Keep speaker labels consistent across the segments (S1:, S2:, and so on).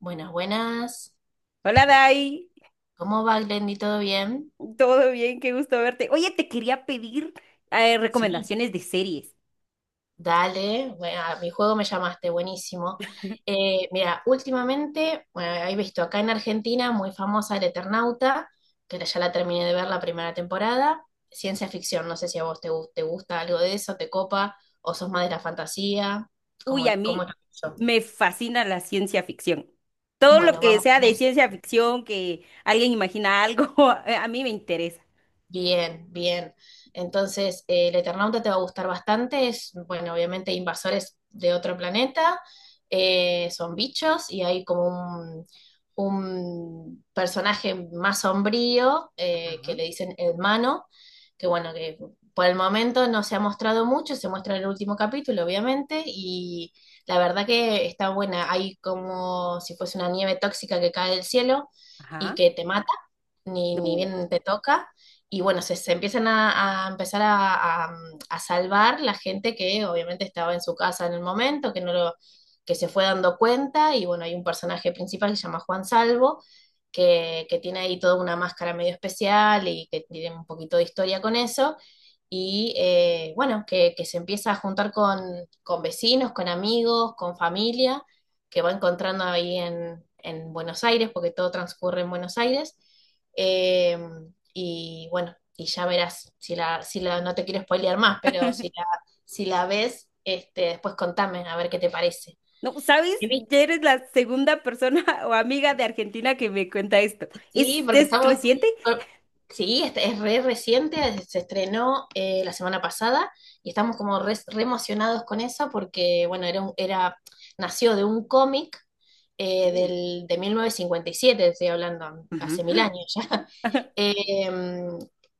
S1: Buenas, buenas.
S2: Hola Dai,
S1: ¿Cómo va, Glendy? ¿Todo bien?
S2: todo bien, qué gusto verte. Oye, te quería pedir
S1: Sí,
S2: recomendaciones de series.
S1: dale. Bueno, a mi juego me llamaste, buenísimo. Mira, últimamente, bueno, he visto acá en Argentina muy famosa El Eternauta, que ya la terminé de ver la primera temporada. Ciencia ficción, no sé si a vos te gusta algo de eso, te copa, o sos más de la fantasía,
S2: Uy, a
S1: ¿cómo es
S2: mí
S1: eso?
S2: me fascina la ciencia ficción. Todo lo
S1: Bueno,
S2: que
S1: vamos
S2: sea
S1: con
S2: de
S1: eso.
S2: ciencia ficción, que alguien imagina algo, a mí me interesa.
S1: Bien, bien. Entonces, el Eternauta te va a gustar bastante. Es, bueno, obviamente invasores de otro planeta, son bichos y hay como un personaje más sombrío que
S2: Ajá,
S1: le dicen hermano, que bueno, que por el momento no se ha mostrado mucho, se muestra en el último capítulo, obviamente, y la verdad que está buena. Hay como si fuese una nieve tóxica que cae del cielo y
S2: ajá.
S1: que te mata, ni
S2: No.
S1: bien te toca y bueno, se empiezan a empezar a salvar la gente que obviamente estaba en su casa en el momento, que no lo, que se fue dando cuenta, y bueno, hay un personaje principal que se llama Juan Salvo, que tiene ahí toda una máscara medio especial y que tiene un poquito de historia con eso, y bueno, que se empieza a juntar con vecinos, con amigos, con familia, que va encontrando ahí en Buenos Aires, porque todo transcurre en Buenos Aires. Eh, y bueno, y ya verás, no te quiero spoilear más, pero si la ves, este, después contame a ver qué te parece.
S2: No, ¿sabes? Ya eres la segunda persona o amiga de Argentina que me cuenta esto.
S1: Sí, porque
S2: Es
S1: estamos...
S2: reciente?
S1: Sí, este es re reciente, se estrenó la semana pasada y estamos como re emocionados con eso porque, bueno, era nació de un cómic
S2: Uy.
S1: de 1957 estoy hablando, hace mil
S2: Ujú.
S1: años ya. Eh,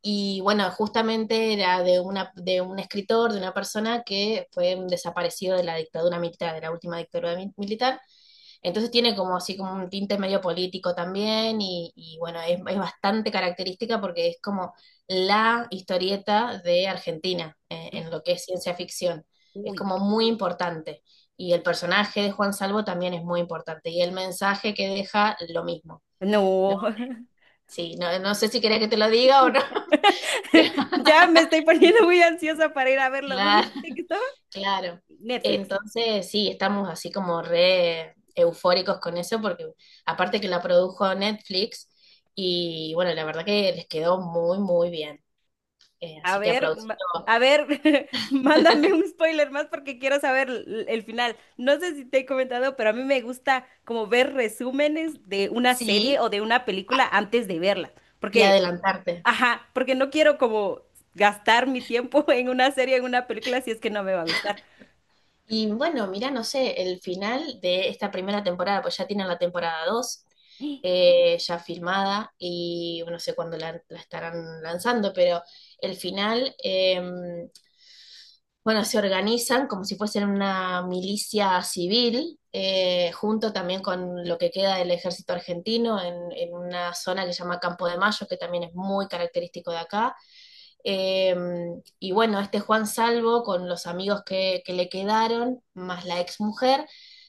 S1: y bueno, justamente era de un escritor, de una persona que fue un desaparecido de la dictadura militar, de la última militar, entonces tiene como así como un tinte medio político también y bueno, es bastante característica porque es como la historieta de Argentina en lo que es ciencia ficción. Es
S2: Uy.
S1: como muy importante. Y el personaje de Juan Salvo también es muy importante. Y el mensaje que deja, lo mismo, ¿no?
S2: No.
S1: Sí, no, no sé si querés que te lo diga o no, pero
S2: Ya me estoy poniendo muy ansiosa para ir a verlo. ¿Dónde
S1: claro.
S2: dijiste que estaba?
S1: Claro.
S2: Netflix.
S1: Entonces, sí, estamos así como re eufóricos con eso, porque aparte que la produjo Netflix, y bueno, la verdad que les quedó muy, muy bien.
S2: A
S1: Así que
S2: ver,
S1: aplausito.
S2: a ver, mándame un spoiler más porque quiero saber el final. No sé si te he comentado, pero a mí me gusta como ver resúmenes de una serie
S1: Sí,
S2: o de una película antes de verla.
S1: y
S2: Porque
S1: adelantarte.
S2: ajá, porque no quiero como gastar mi tiempo en una serie, en una película, si es que no me va a gustar.
S1: Y bueno, mira, no sé, el final de esta primera temporada, pues ya tienen la temporada 2 ya filmada, y bueno, no sé cuándo la estarán lanzando, pero el final, bueno, se organizan como si fuesen una milicia civil, junto también con lo que queda del ejército argentino en una zona que se llama Campo de Mayo, que también es muy característico de acá. Eh, y bueno, este Juan Salvo, con los amigos que le quedaron, más la exmujer,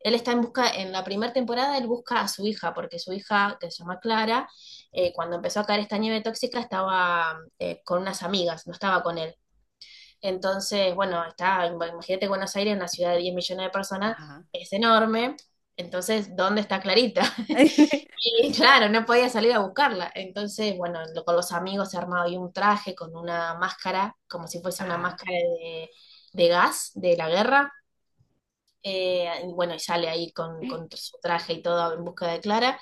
S1: él está en busca, en la primera temporada él busca a su hija, porque su hija, que se llama Clara, cuando empezó a caer esta nieve tóxica estaba con unas amigas, no estaba con él. Entonces, bueno, está, imagínate Buenos Aires, una ciudad de 10 millones de personas,
S2: Ajá.
S1: es enorme. Entonces, ¿dónde está Clarita? Y claro, no podía salir a buscarla. Entonces, bueno, con los amigos se armaba ahí un traje con una máscara, como si fuese una
S2: Ajá.
S1: máscara de gas de la guerra. Y bueno, y sale ahí con su traje y todo en busca de Clara.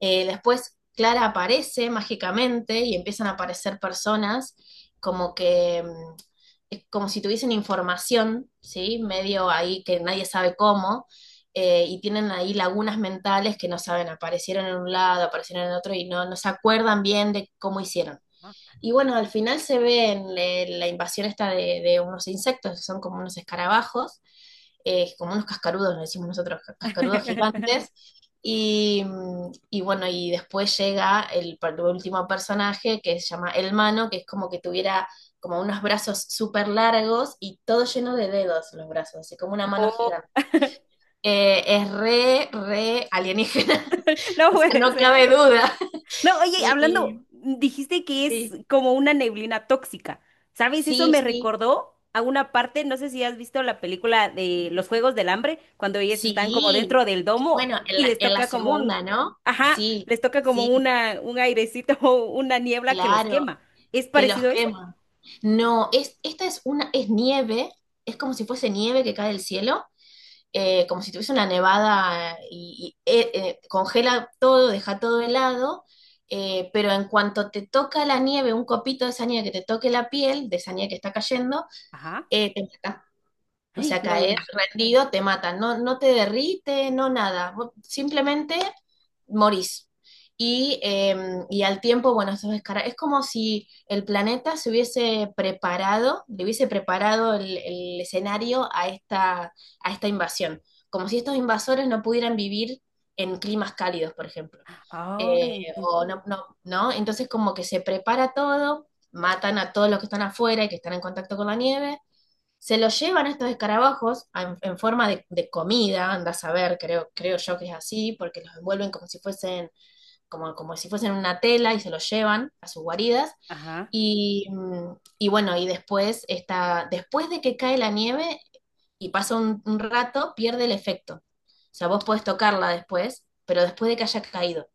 S1: Después Clara aparece mágicamente y empiezan a aparecer personas como que es como si tuviesen información, ¿sí? Medio ahí que nadie sabe cómo, y tienen ahí lagunas mentales que no saben, aparecieron en un lado, aparecieron en otro y no, no se acuerdan bien de cómo hicieron.
S2: Ah.
S1: Y bueno, al final se ve en la invasión esta de unos insectos, que son como unos escarabajos, como unos cascarudos, le decimos nosotros, cascarudos gigantes. Y, y bueno, y después llega último personaje que se llama El Mano, que es como que tuviera como unos brazos súper largos y todo lleno de dedos los brazos, así como una mano
S2: Oh,
S1: gigante. Es re alienígena,
S2: no
S1: o sea,
S2: puede
S1: no
S2: ser.
S1: cabe duda.
S2: No, oye,
S1: Y,
S2: hablando,
S1: y-
S2: dijiste que es como una neblina tóxica. ¿Sabes? Eso
S1: sí,
S2: me
S1: sí.
S2: recordó a una parte, no sé si has visto la película de Los Juegos del Hambre, cuando ellas están como
S1: Sí,
S2: dentro del domo
S1: bueno,
S2: y les
S1: en la
S2: toca como un,
S1: segunda, ¿no?
S2: ajá,
S1: Sí,
S2: les toca como
S1: sí,
S2: una, un airecito, una niebla que los
S1: claro,
S2: quema. ¿Es
S1: que los
S2: parecido a eso?
S1: queman. No, esta es una, es nieve, es como si fuese nieve que cae del cielo, como si tuviese una nevada congela todo, deja todo helado, pero en cuanto te toca la nieve, un copito de esa nieve que te toque la piel, de esa nieve que está cayendo,
S2: Ajá.
S1: te o
S2: ¡Ay!
S1: sea, caes
S2: No.
S1: rendido, te matan, no, no te derrite, no nada, vos simplemente morís. Y, eh, y al tiempo, bueno, eso es, es como si el planeta se hubiese preparado, le hubiese preparado el escenario a esta invasión, como si estos invasores no pudieran vivir en climas cálidos, por ejemplo.
S2: Ay,
S1: Eh,
S2: entiendo.
S1: o no, no, ¿no? Entonces como que se prepara todo, matan a todos los que están afuera y que están en contacto con la nieve se los llevan estos escarabajos en forma de comida, anda a saber, creo, creo yo que es así, porque los envuelven como si fuesen, como, como si fuesen una tela y se los llevan a sus guaridas.
S2: Ajá.
S1: Y, y bueno, y después está, después de que cae la nieve y pasa un rato, pierde el efecto. O sea, vos podés tocarla después, pero después de que haya caído.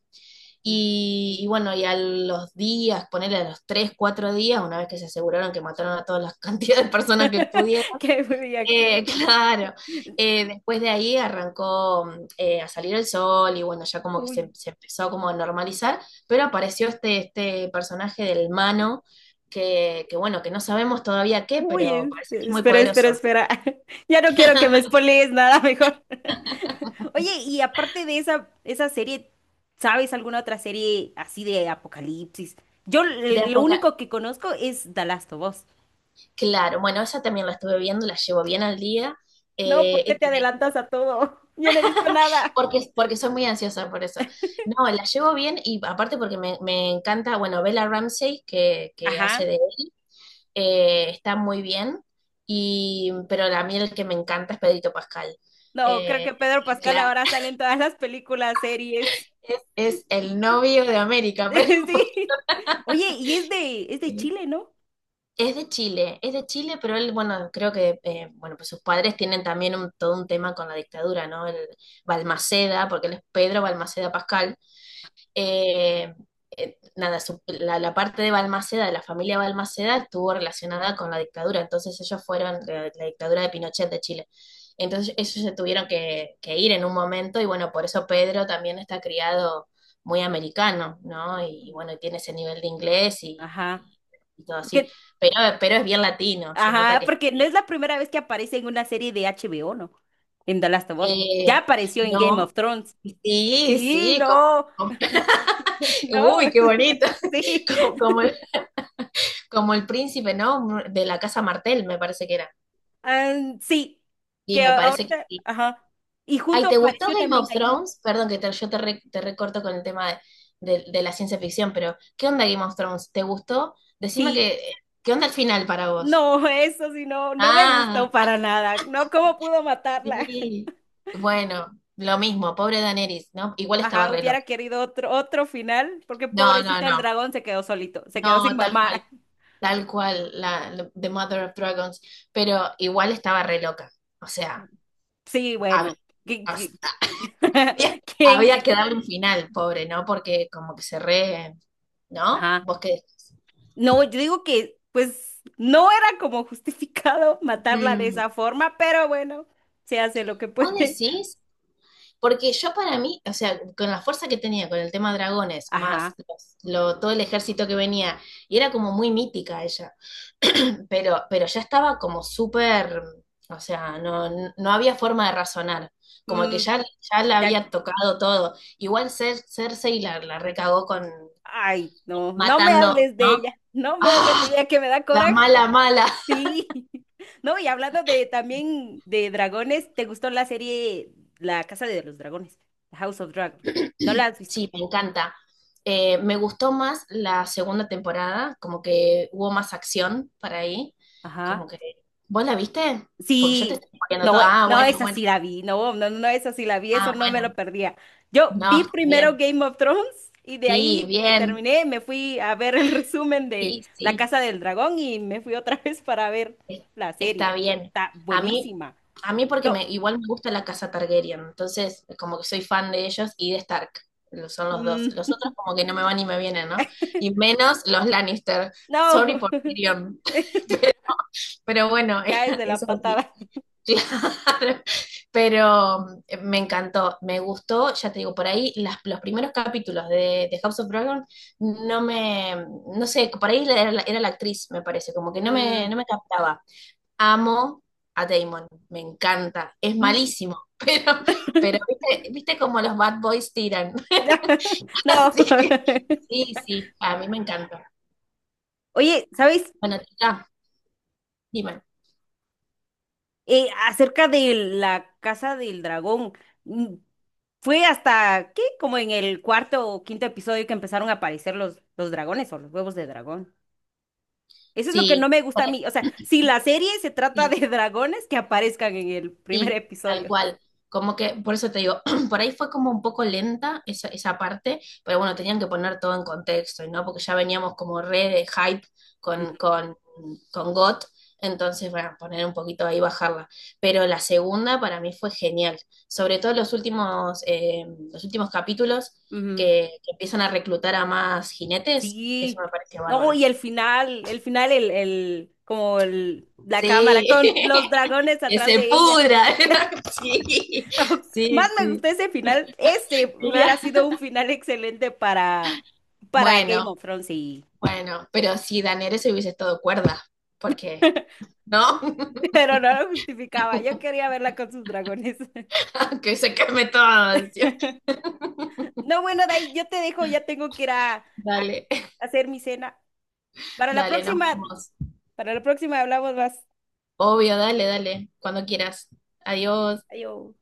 S2: Mm.
S1: Y bueno, y a los días, ponerle a los tres, cuatro días, una vez que se aseguraron que mataron a todas las cantidades de personas que pudieron,
S2: Qué muy bien.
S1: claro. Después de ahí arrancó a salir el sol y bueno, ya como que
S2: Uy,
S1: se empezó como a normalizar, pero apareció este, este personaje del Mano, que bueno, que no sabemos todavía qué,
S2: uy,
S1: pero parece que es
S2: este,
S1: muy
S2: espera, espera,
S1: poderoso.
S2: espera. Ya no quiero que me spoilees nada mejor. Oye, y aparte de esa, esa serie, ¿sabes alguna otra serie así de apocalipsis? Yo
S1: De
S2: lo
S1: época,
S2: único que conozco es The Last of Us.
S1: claro, bueno, esa también la estuve viendo, la llevo bien al día,
S2: No,
S1: eh,
S2: ¿por
S1: eh,
S2: qué te
S1: eh,
S2: adelantas a todo? Yo no he visto nada.
S1: porque, porque soy muy ansiosa por eso. No, la llevo bien y aparte porque me encanta, bueno, Bella Ramsey, que hace
S2: Ajá.
S1: de él, está muy bien, y, pero la mí el que me encanta es Pedrito Pascal.
S2: No, creo
S1: Eh,
S2: que Pedro Pascal
S1: claro,
S2: ahora sale en todas las películas, series.
S1: es el novio de América, pero
S2: Sí. Oye, y es de
S1: sí.
S2: Chile, ¿no?
S1: Es de Chile, es de Chile, pero él, bueno, creo que bueno, pues sus padres tienen también todo un tema con la dictadura, ¿no? El Balmaceda, porque él es Pedro Balmaceda Pascal. Eh, Nada, la parte de Balmaceda, de la familia Balmaceda, estuvo relacionada con la dictadura, entonces ellos fueron de la dictadura de Pinochet de Chile. Entonces ellos se tuvieron que ir en un momento y bueno, por eso Pedro también está criado muy americano, ¿no? Y bueno, tiene ese nivel de inglés
S2: Ajá.
S1: y todo así,
S2: Porque,
S1: pero es bien latino, se nota
S2: ajá,
S1: que es
S2: porque no es la
S1: latino.
S2: primera vez que aparece en una serie de HBO, ¿no? En The Last of Us. Ya
S1: Eh,
S2: apareció en Game of
S1: no,
S2: Thrones.
S1: sí,
S2: Sí,
S1: sí,
S2: no,
S1: como- uy,
S2: no.
S1: qué bonito,
S2: Sí.
S1: como, como Como el príncipe, ¿no? De la casa Martel, me parece que era.
S2: Am, sí.
S1: Y
S2: Que
S1: me parece que
S2: ahorita,
S1: sí.
S2: ajá. Y
S1: Ay,
S2: junto
S1: ¿te gustó
S2: apareció
S1: Game
S2: también
S1: of
S2: allí.
S1: Thrones? Perdón que yo te recorto con el tema de la ciencia ficción, pero ¿qué onda Game of Thrones? ¿Te gustó? Decime
S2: Sí.
S1: que, ¿qué onda el final para vos?
S2: No, eso sí, no, no me
S1: Ah,
S2: gustó para nada. No, ¿cómo pudo matarla?
S1: sí. Bueno, lo mismo, pobre Daenerys, ¿no? Igual estaba
S2: Ajá,
S1: re
S2: hubiera
S1: loca.
S2: querido otro, otro final, porque
S1: No, no,
S2: pobrecita el
S1: no.
S2: dragón se quedó solito, se quedó sin
S1: No,
S2: mamá.
S1: tal cual, The Mother of Dragons. Pero igual estaba re loca. O sea,
S2: Sí,
S1: a,
S2: bueno. ¿qui- qui-
S1: había,
S2: ¿Quién?
S1: había que darle un final, pobre, ¿no? Porque como que se re, ¿no?
S2: Ajá.
S1: Vos que
S2: No, yo digo que, pues, no era como justificado matarla de
S1: Mm,
S2: esa forma, pero bueno, se hace lo que
S1: vos
S2: puede.
S1: decís, porque yo para mí, o sea, con la fuerza que tenía con el tema dragones,
S2: Ajá.
S1: más todo el ejército que venía, y era como muy mítica ella, pero ya estaba como súper, o sea, no, no había forma de razonar. Como que
S2: Mm,
S1: ya, ya la
S2: ya,
S1: había tocado todo. Igual Cersei la recagó con
S2: ay, no, no me
S1: matando,
S2: hables de
S1: ¿no?
S2: ella, no me hables de
S1: ¡Ah!
S2: ella que me da
S1: La
S2: coraje.
S1: mala, mala.
S2: Sí. No, y hablando de también de dragones, ¿te gustó la serie La Casa de los Dragones? The House of Dragon. ¿No la has visto?
S1: Sí, me encanta. Me gustó más la segunda temporada, como que hubo más acción para ahí, como
S2: Ajá.
S1: que... ¿Vos la viste? Porque yo te
S2: Sí.
S1: estoy poniendo todo.
S2: No,
S1: Ah,
S2: no,
S1: bueno,
S2: esa
S1: bueno,
S2: sí la vi. No, no, no, esa sí la vi. Eso
S1: ah,
S2: no me
S1: bueno.
S2: lo perdía. Yo
S1: No,
S2: vi
S1: está
S2: primero
S1: bien.
S2: Game of Thrones y de
S1: Sí,
S2: ahí me
S1: bien.
S2: terminé, me fui a ver el resumen de
S1: Sí,
S2: La
S1: sí,
S2: Casa del Dragón y me fui otra vez para ver
S1: es-
S2: la serie.
S1: está bien.
S2: Está
S1: A mí,
S2: buenísima.
S1: a mí porque
S2: No,
S1: me, igual me gusta la casa Targaryen, entonces como que soy fan de ellos y de Stark. Son los
S2: mm,
S1: dos. Los otros como que no me van ni me vienen, ¿no? Y menos los Lannister. Sorry
S2: no,
S1: por Tyrion.
S2: me
S1: Pero bueno,
S2: caes de la
S1: eso sí,
S2: patada.
S1: claro. Pero me encantó, me gustó, ya te digo, por ahí los primeros capítulos de House of Dragon no me, no sé, por ahí era, era la actriz, me parece, como que no me,
S2: Mm,
S1: no me captaba. Amo a Damon, me encanta, es
S2: mm,
S1: malísimo, pero viste, viste como los bad boys tiran.
S2: no.
S1: Así que sí, sí, a mí me encanta.
S2: Oye, ¿sabes?
S1: Bueno, chica, dime,
S2: Acerca de la casa del dragón, mm, fue hasta, ¿qué? Como en el cuarto o quinto episodio que empezaron a aparecer los dragones o los huevos de dragón. Eso es lo que no
S1: sí,
S2: me gusta a
S1: por ahí,
S2: mí. O sea, si la serie se trata
S1: sí.
S2: de dragones, que aparezcan en el primer
S1: Sí, tal
S2: episodio.
S1: cual. Como que, por eso te digo, por ahí fue como un poco lenta esa, esa parte, pero bueno, tenían que poner todo en contexto, ¿no? Porque ya veníamos como re de hype
S2: Ujú,
S1: con, con, con GOT, entonces, bueno, poner un poquito ahí, bajarla. Pero la segunda para mí fue genial, sobre todo los últimos capítulos
S2: ujú.
S1: que empiezan a reclutar a más jinetes, eso
S2: Sí.
S1: me parece
S2: No,
S1: bárbaro.
S2: y el final, el final, el, como el, la cámara
S1: Sí,
S2: con los dragones
S1: que
S2: atrás
S1: se
S2: de ella.
S1: pudra. Sí,
S2: Más
S1: sí,
S2: me
S1: sí.
S2: gustó ese final. Ese hubiera
S1: Claro.
S2: sido un final excelente para Game
S1: Bueno,
S2: of Thrones, sí.
S1: bueno, pero si Daenerys hubiese estado cuerda, porque, ¿no?
S2: Pero no lo justificaba. Yo quería verla con sus dragones.
S1: Que se queme todo, decía.
S2: No, bueno, de yo te dejo, ya tengo que ir a
S1: Dale,
S2: hacer mi cena. Para la
S1: dale, nos
S2: próxima,
S1: vemos.
S2: para la próxima hablamos más.
S1: Obvio, dale, dale, cuando quieras. Adiós.
S2: Adiós.